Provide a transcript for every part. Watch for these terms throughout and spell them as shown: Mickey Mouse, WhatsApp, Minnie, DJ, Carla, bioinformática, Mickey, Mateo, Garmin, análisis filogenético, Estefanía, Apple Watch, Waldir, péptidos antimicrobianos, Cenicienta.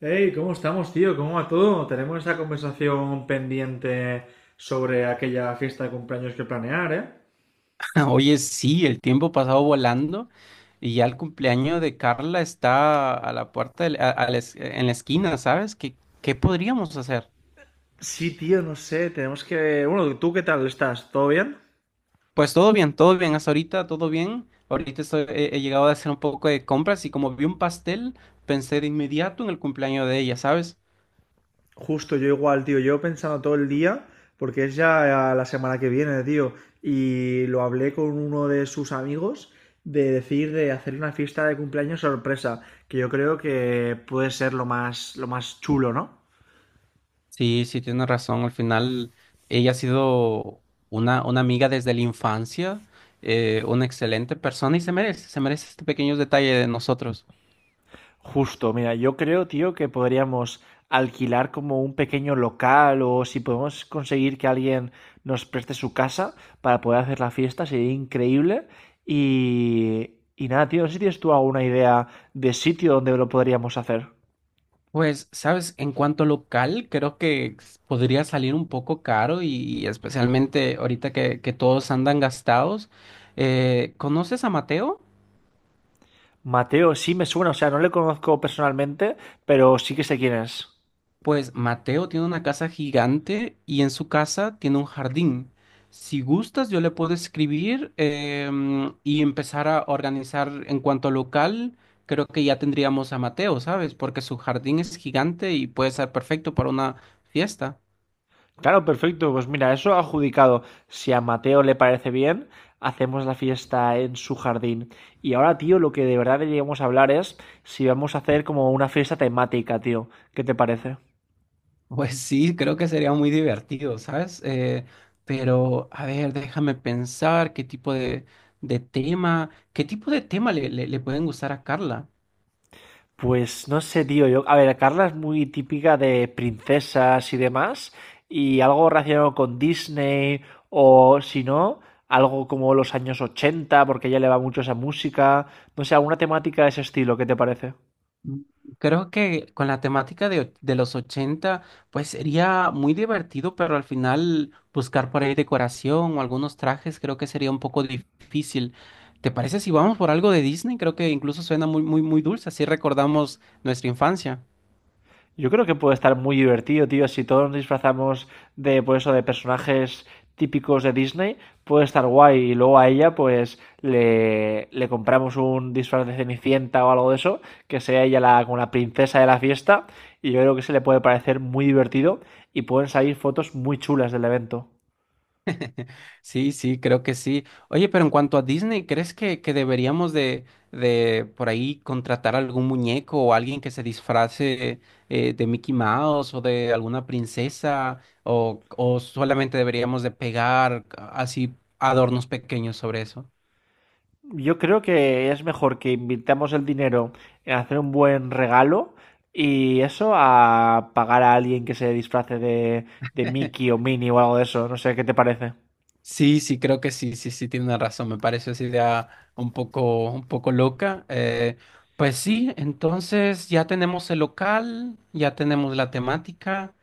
Hey, ¿cómo estamos, tío? ¿Cómo va todo? Tenemos esa conversación pendiente sobre aquella fiesta de cumpleaños que planear, ¿eh? Oye, sí, el tiempo pasado volando y ya el cumpleaños de Carla está a la puerta, en la esquina, ¿sabes? ¿Qué podríamos hacer? Sí, tío, no sé, tenemos que... Bueno, ¿tú qué tal estás? ¿Todo bien? Pues todo bien, hasta ahorita todo bien. Ahorita he llegado a hacer un poco de compras y como vi un pastel, pensé de inmediato en el cumpleaños de ella, ¿sabes? Justo, yo igual, tío, yo pensando todo el día, porque es ya la semana que viene, tío, y lo hablé con uno de sus amigos de decir de hacer una fiesta de cumpleaños sorpresa, que yo creo que puede ser lo más chulo, ¿no? Sí, sí, tienes razón. Al final, ella ha sido una amiga desde la infancia, una excelente persona y se merece este pequeño detalle de nosotros. Justo, mira, yo creo, tío, que podríamos alquilar como un pequeño local o si podemos conseguir que alguien nos preste su casa para poder hacer la fiesta, sería increíble. Y nada, tío, no sé si tienes tú alguna idea de sitio donde lo podríamos hacer. Pues, sabes, en cuanto local, creo que podría salir un poco caro y especialmente ahorita que todos andan gastados. ¿Conoces a Mateo? Mateo, sí me suena, o sea, no le conozco personalmente, pero sí que sé quién es. Pues Mateo tiene una casa gigante y en su casa tiene un jardín. Si gustas, yo le puedo escribir y empezar a organizar en cuanto local. Creo que ya tendríamos a Mateo, ¿sabes? Porque su jardín es gigante y puede ser perfecto para una fiesta. Claro, perfecto. Pues mira, eso adjudicado. Si a Mateo le parece bien, hacemos la fiesta en su jardín. Y ahora, tío, lo que de verdad deberíamos hablar es si vamos a hacer como una fiesta temática, tío. ¿Qué te parece? Pues sí, creo que sería muy divertido, ¿sabes? Pero, a ver, déjame pensar qué tipo de tema, qué tipo de tema le pueden gustar a Carla. Pues no sé, tío. Yo, a ver, Carla es muy típica de princesas y demás. Y algo relacionado con Disney o si no, algo como los años 80, porque a ella le va mucho esa música. No sé, alguna temática de ese estilo, ¿qué te parece? Mm, Creo que con la temática de los 80, pues sería muy divertido, pero al final buscar por ahí decoración o algunos trajes creo que sería un poco difícil. ¿Te parece si vamos por algo de Disney? Creo que incluso suena muy, muy, muy dulce, así recordamos nuestra infancia. Yo creo que puede estar muy divertido, tío. Si todos nos disfrazamos de, pues eso, de personajes típicos de Disney, puede estar guay. Y luego a ella, pues, le compramos un disfraz de Cenicienta o algo de eso, que sea ella la, como la princesa de la fiesta. Y yo creo que se le puede parecer muy divertido y pueden salir fotos muy chulas del evento. Sí, sí, creo que sí. Oye, pero en cuanto a Disney, ¿crees que deberíamos de por ahí contratar algún muñeco o alguien que se disfrace de Mickey Mouse o de alguna princesa? ¿O solamente deberíamos de pegar así adornos pequeños sobre eso? Yo creo que es mejor que invirtamos el dinero en hacer un buen regalo y eso a pagar a alguien que se disfrace de Mickey o Minnie o algo de eso. No sé, ¿qué te parece? Sí, sí, creo que sí, sí, sí, tiene una razón. Me parece esa idea un poco loca. Pues sí, entonces ya tenemos el local, ya tenemos la temática.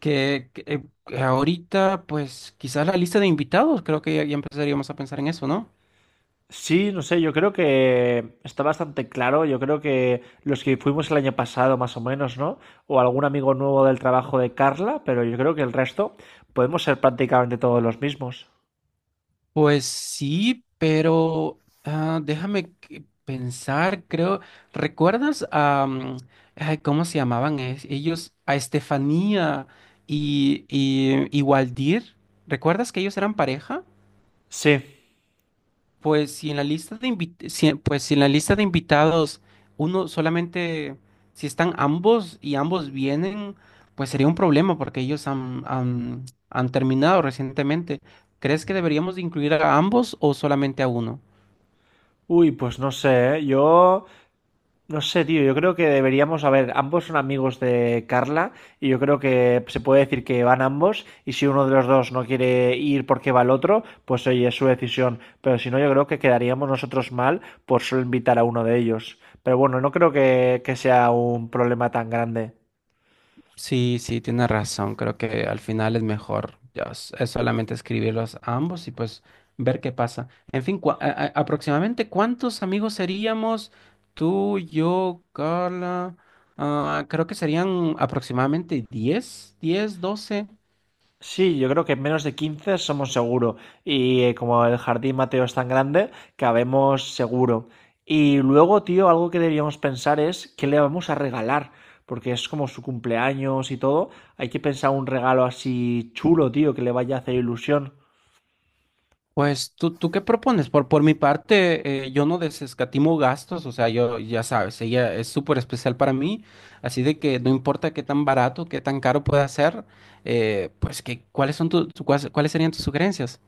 Que ahorita, pues quizás la lista de invitados, creo que ya empezaríamos a pensar en eso, ¿no? Sí, no sé, yo creo que está bastante claro. Yo creo que los que fuimos el año pasado, más o menos, ¿no? O algún amigo nuevo del trabajo de Carla, pero yo creo que el resto podemos ser prácticamente todos los mismos. Pues sí, pero ah, déjame pensar, creo, ¿recuerdas a, ay, ¿cómo se llamaban ellos? A Estefanía y Waldir, ¿recuerdas que ellos eran pareja? Sí. Pues si en la lista de invit- si- pues si en la lista de invitados uno solamente, si están ambos y ambos vienen, pues sería un problema porque ellos han terminado recientemente. ¿Crees que deberíamos de incluir a ambos o solamente a uno? Uy, pues no sé, ¿eh? Yo no sé, tío, yo creo que deberíamos, a ver, ambos son amigos de Carla y yo creo que se puede decir que van ambos y si uno de los dos no quiere ir porque va el otro, pues oye, es su decisión, pero si no yo creo que quedaríamos nosotros mal por solo invitar a uno de ellos. Pero bueno, no creo que, sea un problema tan grande. Sí, sí, tienes razón. Creo que al final es mejor es solamente escribirlos a ambos y pues ver qué pasa. En fin, aproximadamente cuántos amigos seríamos tú, yo, Carla. Ah, creo que serían aproximadamente 10, 10, 12. Sí, yo creo que menos de 15 somos seguro. Y como el jardín Mateo es tan grande, cabemos seguro. Y luego, tío, algo que deberíamos pensar es qué le vamos a regalar. Porque es como su cumpleaños y todo. Hay que pensar un regalo así chulo, tío, que le vaya a hacer ilusión. Pues, ¿tú qué propones? Por mi parte, yo no desescatimo gastos, o sea, yo ya sabes, ella es súper especial para mí, así de que no importa qué tan barato, qué tan caro pueda ser, pues que, ¿cuáles son cuáles serían tus sugerencias?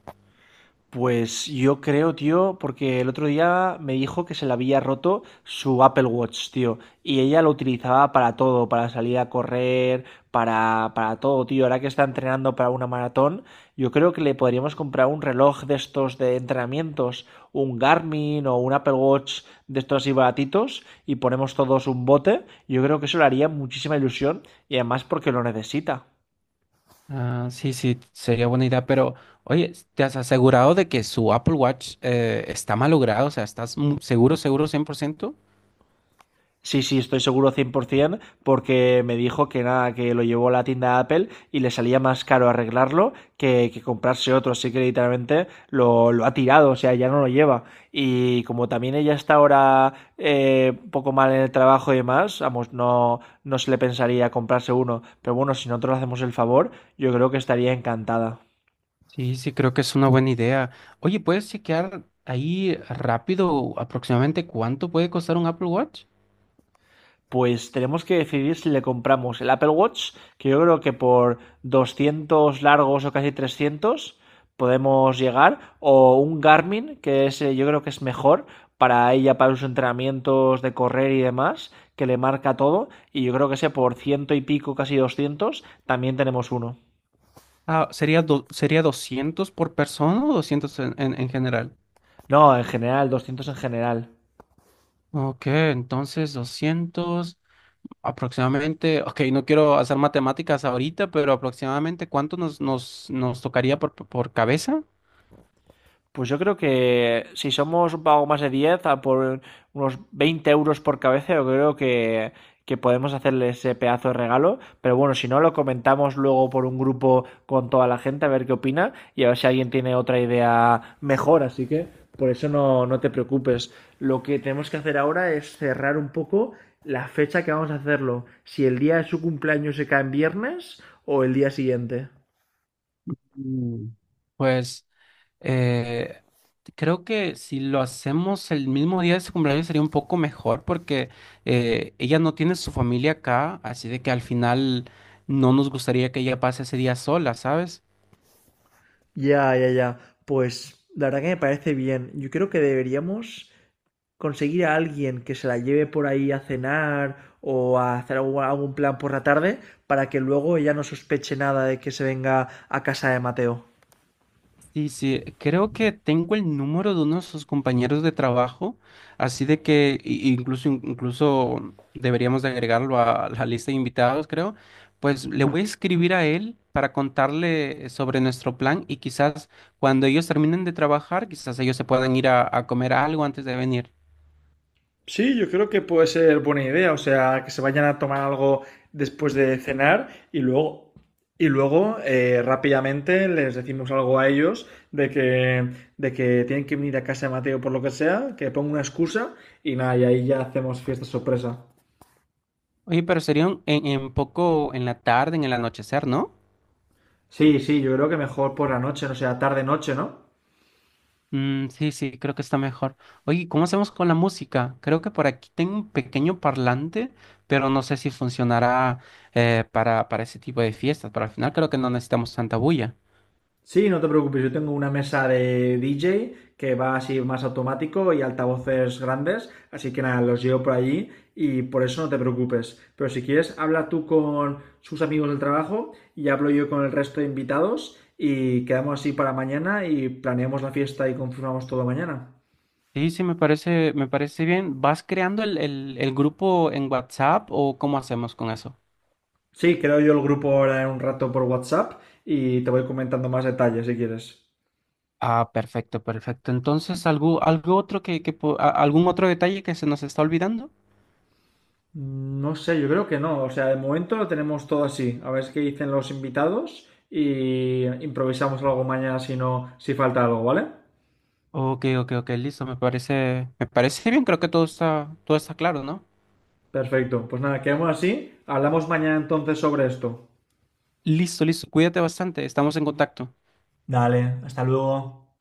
Pues yo creo, tío, porque el otro día me dijo que se le había roto su Apple Watch, tío, y ella lo utilizaba para todo, para salir a correr, para todo, tío. Ahora que está entrenando para una maratón, yo creo que le podríamos comprar un reloj de estos de entrenamientos, un Garmin o un Apple Watch de estos así baratitos, y ponemos todos un bote. Yo creo que eso le haría muchísima ilusión y además porque lo necesita. Ah, sí, sí, sería buena idea, pero oye, ¿te has asegurado de que su Apple Watch está malogrado? O sea, ¿estás seguro, seguro, 100%? Sí, sí, estoy seguro 100% porque me dijo que nada, que lo llevó a la tienda Apple y le salía más caro arreglarlo que comprarse otro, así que literalmente lo ha tirado, o sea, ya no lo lleva. Y como también ella está ahora un poco mal en el trabajo y demás, vamos, no se le pensaría comprarse uno, pero bueno, si nosotros le hacemos el favor, yo creo que estaría encantada. Sí, sí, creo que es una buena idea. Oye, ¿puedes chequear ahí rápido aproximadamente cuánto puede costar un Apple Watch? Pues tenemos que decidir si le compramos el Apple Watch, que yo creo que por 200 largos o casi 300 podemos llegar, o un Garmin, que es, yo creo que es mejor para ella, para sus entrenamientos de correr y demás, que le marca todo, y yo creo que ese por ciento y pico, casi 200 también tenemos uno. Ah, ¿sería, sería 200 por persona o 200 en general? No, en general, 200 en general. Ok, entonces 200 aproximadamente. Ok, no quiero hacer matemáticas ahorita, pero aproximadamente cuánto nos tocaría por cabeza? Pues yo creo que si somos un pago más de 10 a por unos 20 euros por cabeza, yo creo que podemos hacerle ese pedazo de regalo. Pero bueno, si no, lo comentamos luego por un grupo con toda la gente, a ver qué opina y a ver si alguien tiene otra idea mejor. Así que por eso no te preocupes. Lo que tenemos que hacer ahora es cerrar un poco la fecha que vamos a hacerlo. Si el día de su cumpleaños se cae en viernes o el día siguiente. Mm. Pues. Eh, creo que si lo hacemos el mismo día de su cumpleaños sería un poco mejor porque ella no tiene su familia acá, así de que al final no nos gustaría que ella pase ese día sola, ¿sabes? Ya, ya, ya. Pues la verdad que me parece bien. Yo creo que deberíamos conseguir a alguien que se la lleve por ahí a cenar o a hacer algún plan por la tarde para que luego ella no sospeche nada de que se venga a casa de Mateo. Sí, sí, creo que tengo el número de uno de sus compañeros de trabajo, así de que incluso, incluso deberíamos de agregarlo a la lista de invitados, creo. Pues le voy a escribir a él para contarle sobre nuestro plan y quizás cuando ellos terminen de trabajar, quizás ellos se puedan ir a comer algo antes de venir. Sí, yo creo que puede ser buena idea, o sea, que se vayan a tomar algo después de cenar y luego rápidamente les decimos algo a ellos de que, de que tienen que venir a casa de Mateo por lo que sea, que ponga una excusa y nada, y ahí ya hacemos fiesta sorpresa. Oye, pero sería en poco en la tarde, en el anochecer, ¿no? Sí, sí, yo creo que mejor por la noche, no sea tarde-noche, ¿no? Mm, sí, sí, creo que está mejor. Oye, ¿cómo hacemos con la música? Creo que por aquí tengo un pequeño parlante, pero no sé si funcionará para ese tipo de fiestas. Pero al final creo que no necesitamos tanta bulla. Sí, no te preocupes, yo tengo una mesa de DJ que va así más automático y altavoces grandes, así que nada, los llevo por allí y por eso no te preocupes. Pero si quieres, habla tú con sus amigos del trabajo y hablo yo con el resto de invitados y quedamos así para mañana y planeamos la fiesta y confirmamos todo mañana. Sí, sí, me parece bien. ¿Vas creando el grupo en WhatsApp o cómo hacemos con eso? Sí, creo yo el grupo ahora en un rato por WhatsApp y te voy comentando más detalles si quieres. Ah, perfecto, perfecto. Entonces, ¿algo otro algún otro detalle que se nos está olvidando? Mm, no sé, yo creo que no. O sea, de momento lo tenemos todo así. A ver qué dicen los invitados y improvisamos algo mañana si no, si falta algo, ¿vale? Ok, ok, ok, listo, me parece bien, creo que todo está claro, ¿no? Perfecto. Pues nada, quedamos así. Hablamos mañana entonces sobre esto. Listo, listo. Cuídate bastante. Estamos en contacto. Dale, hasta luego.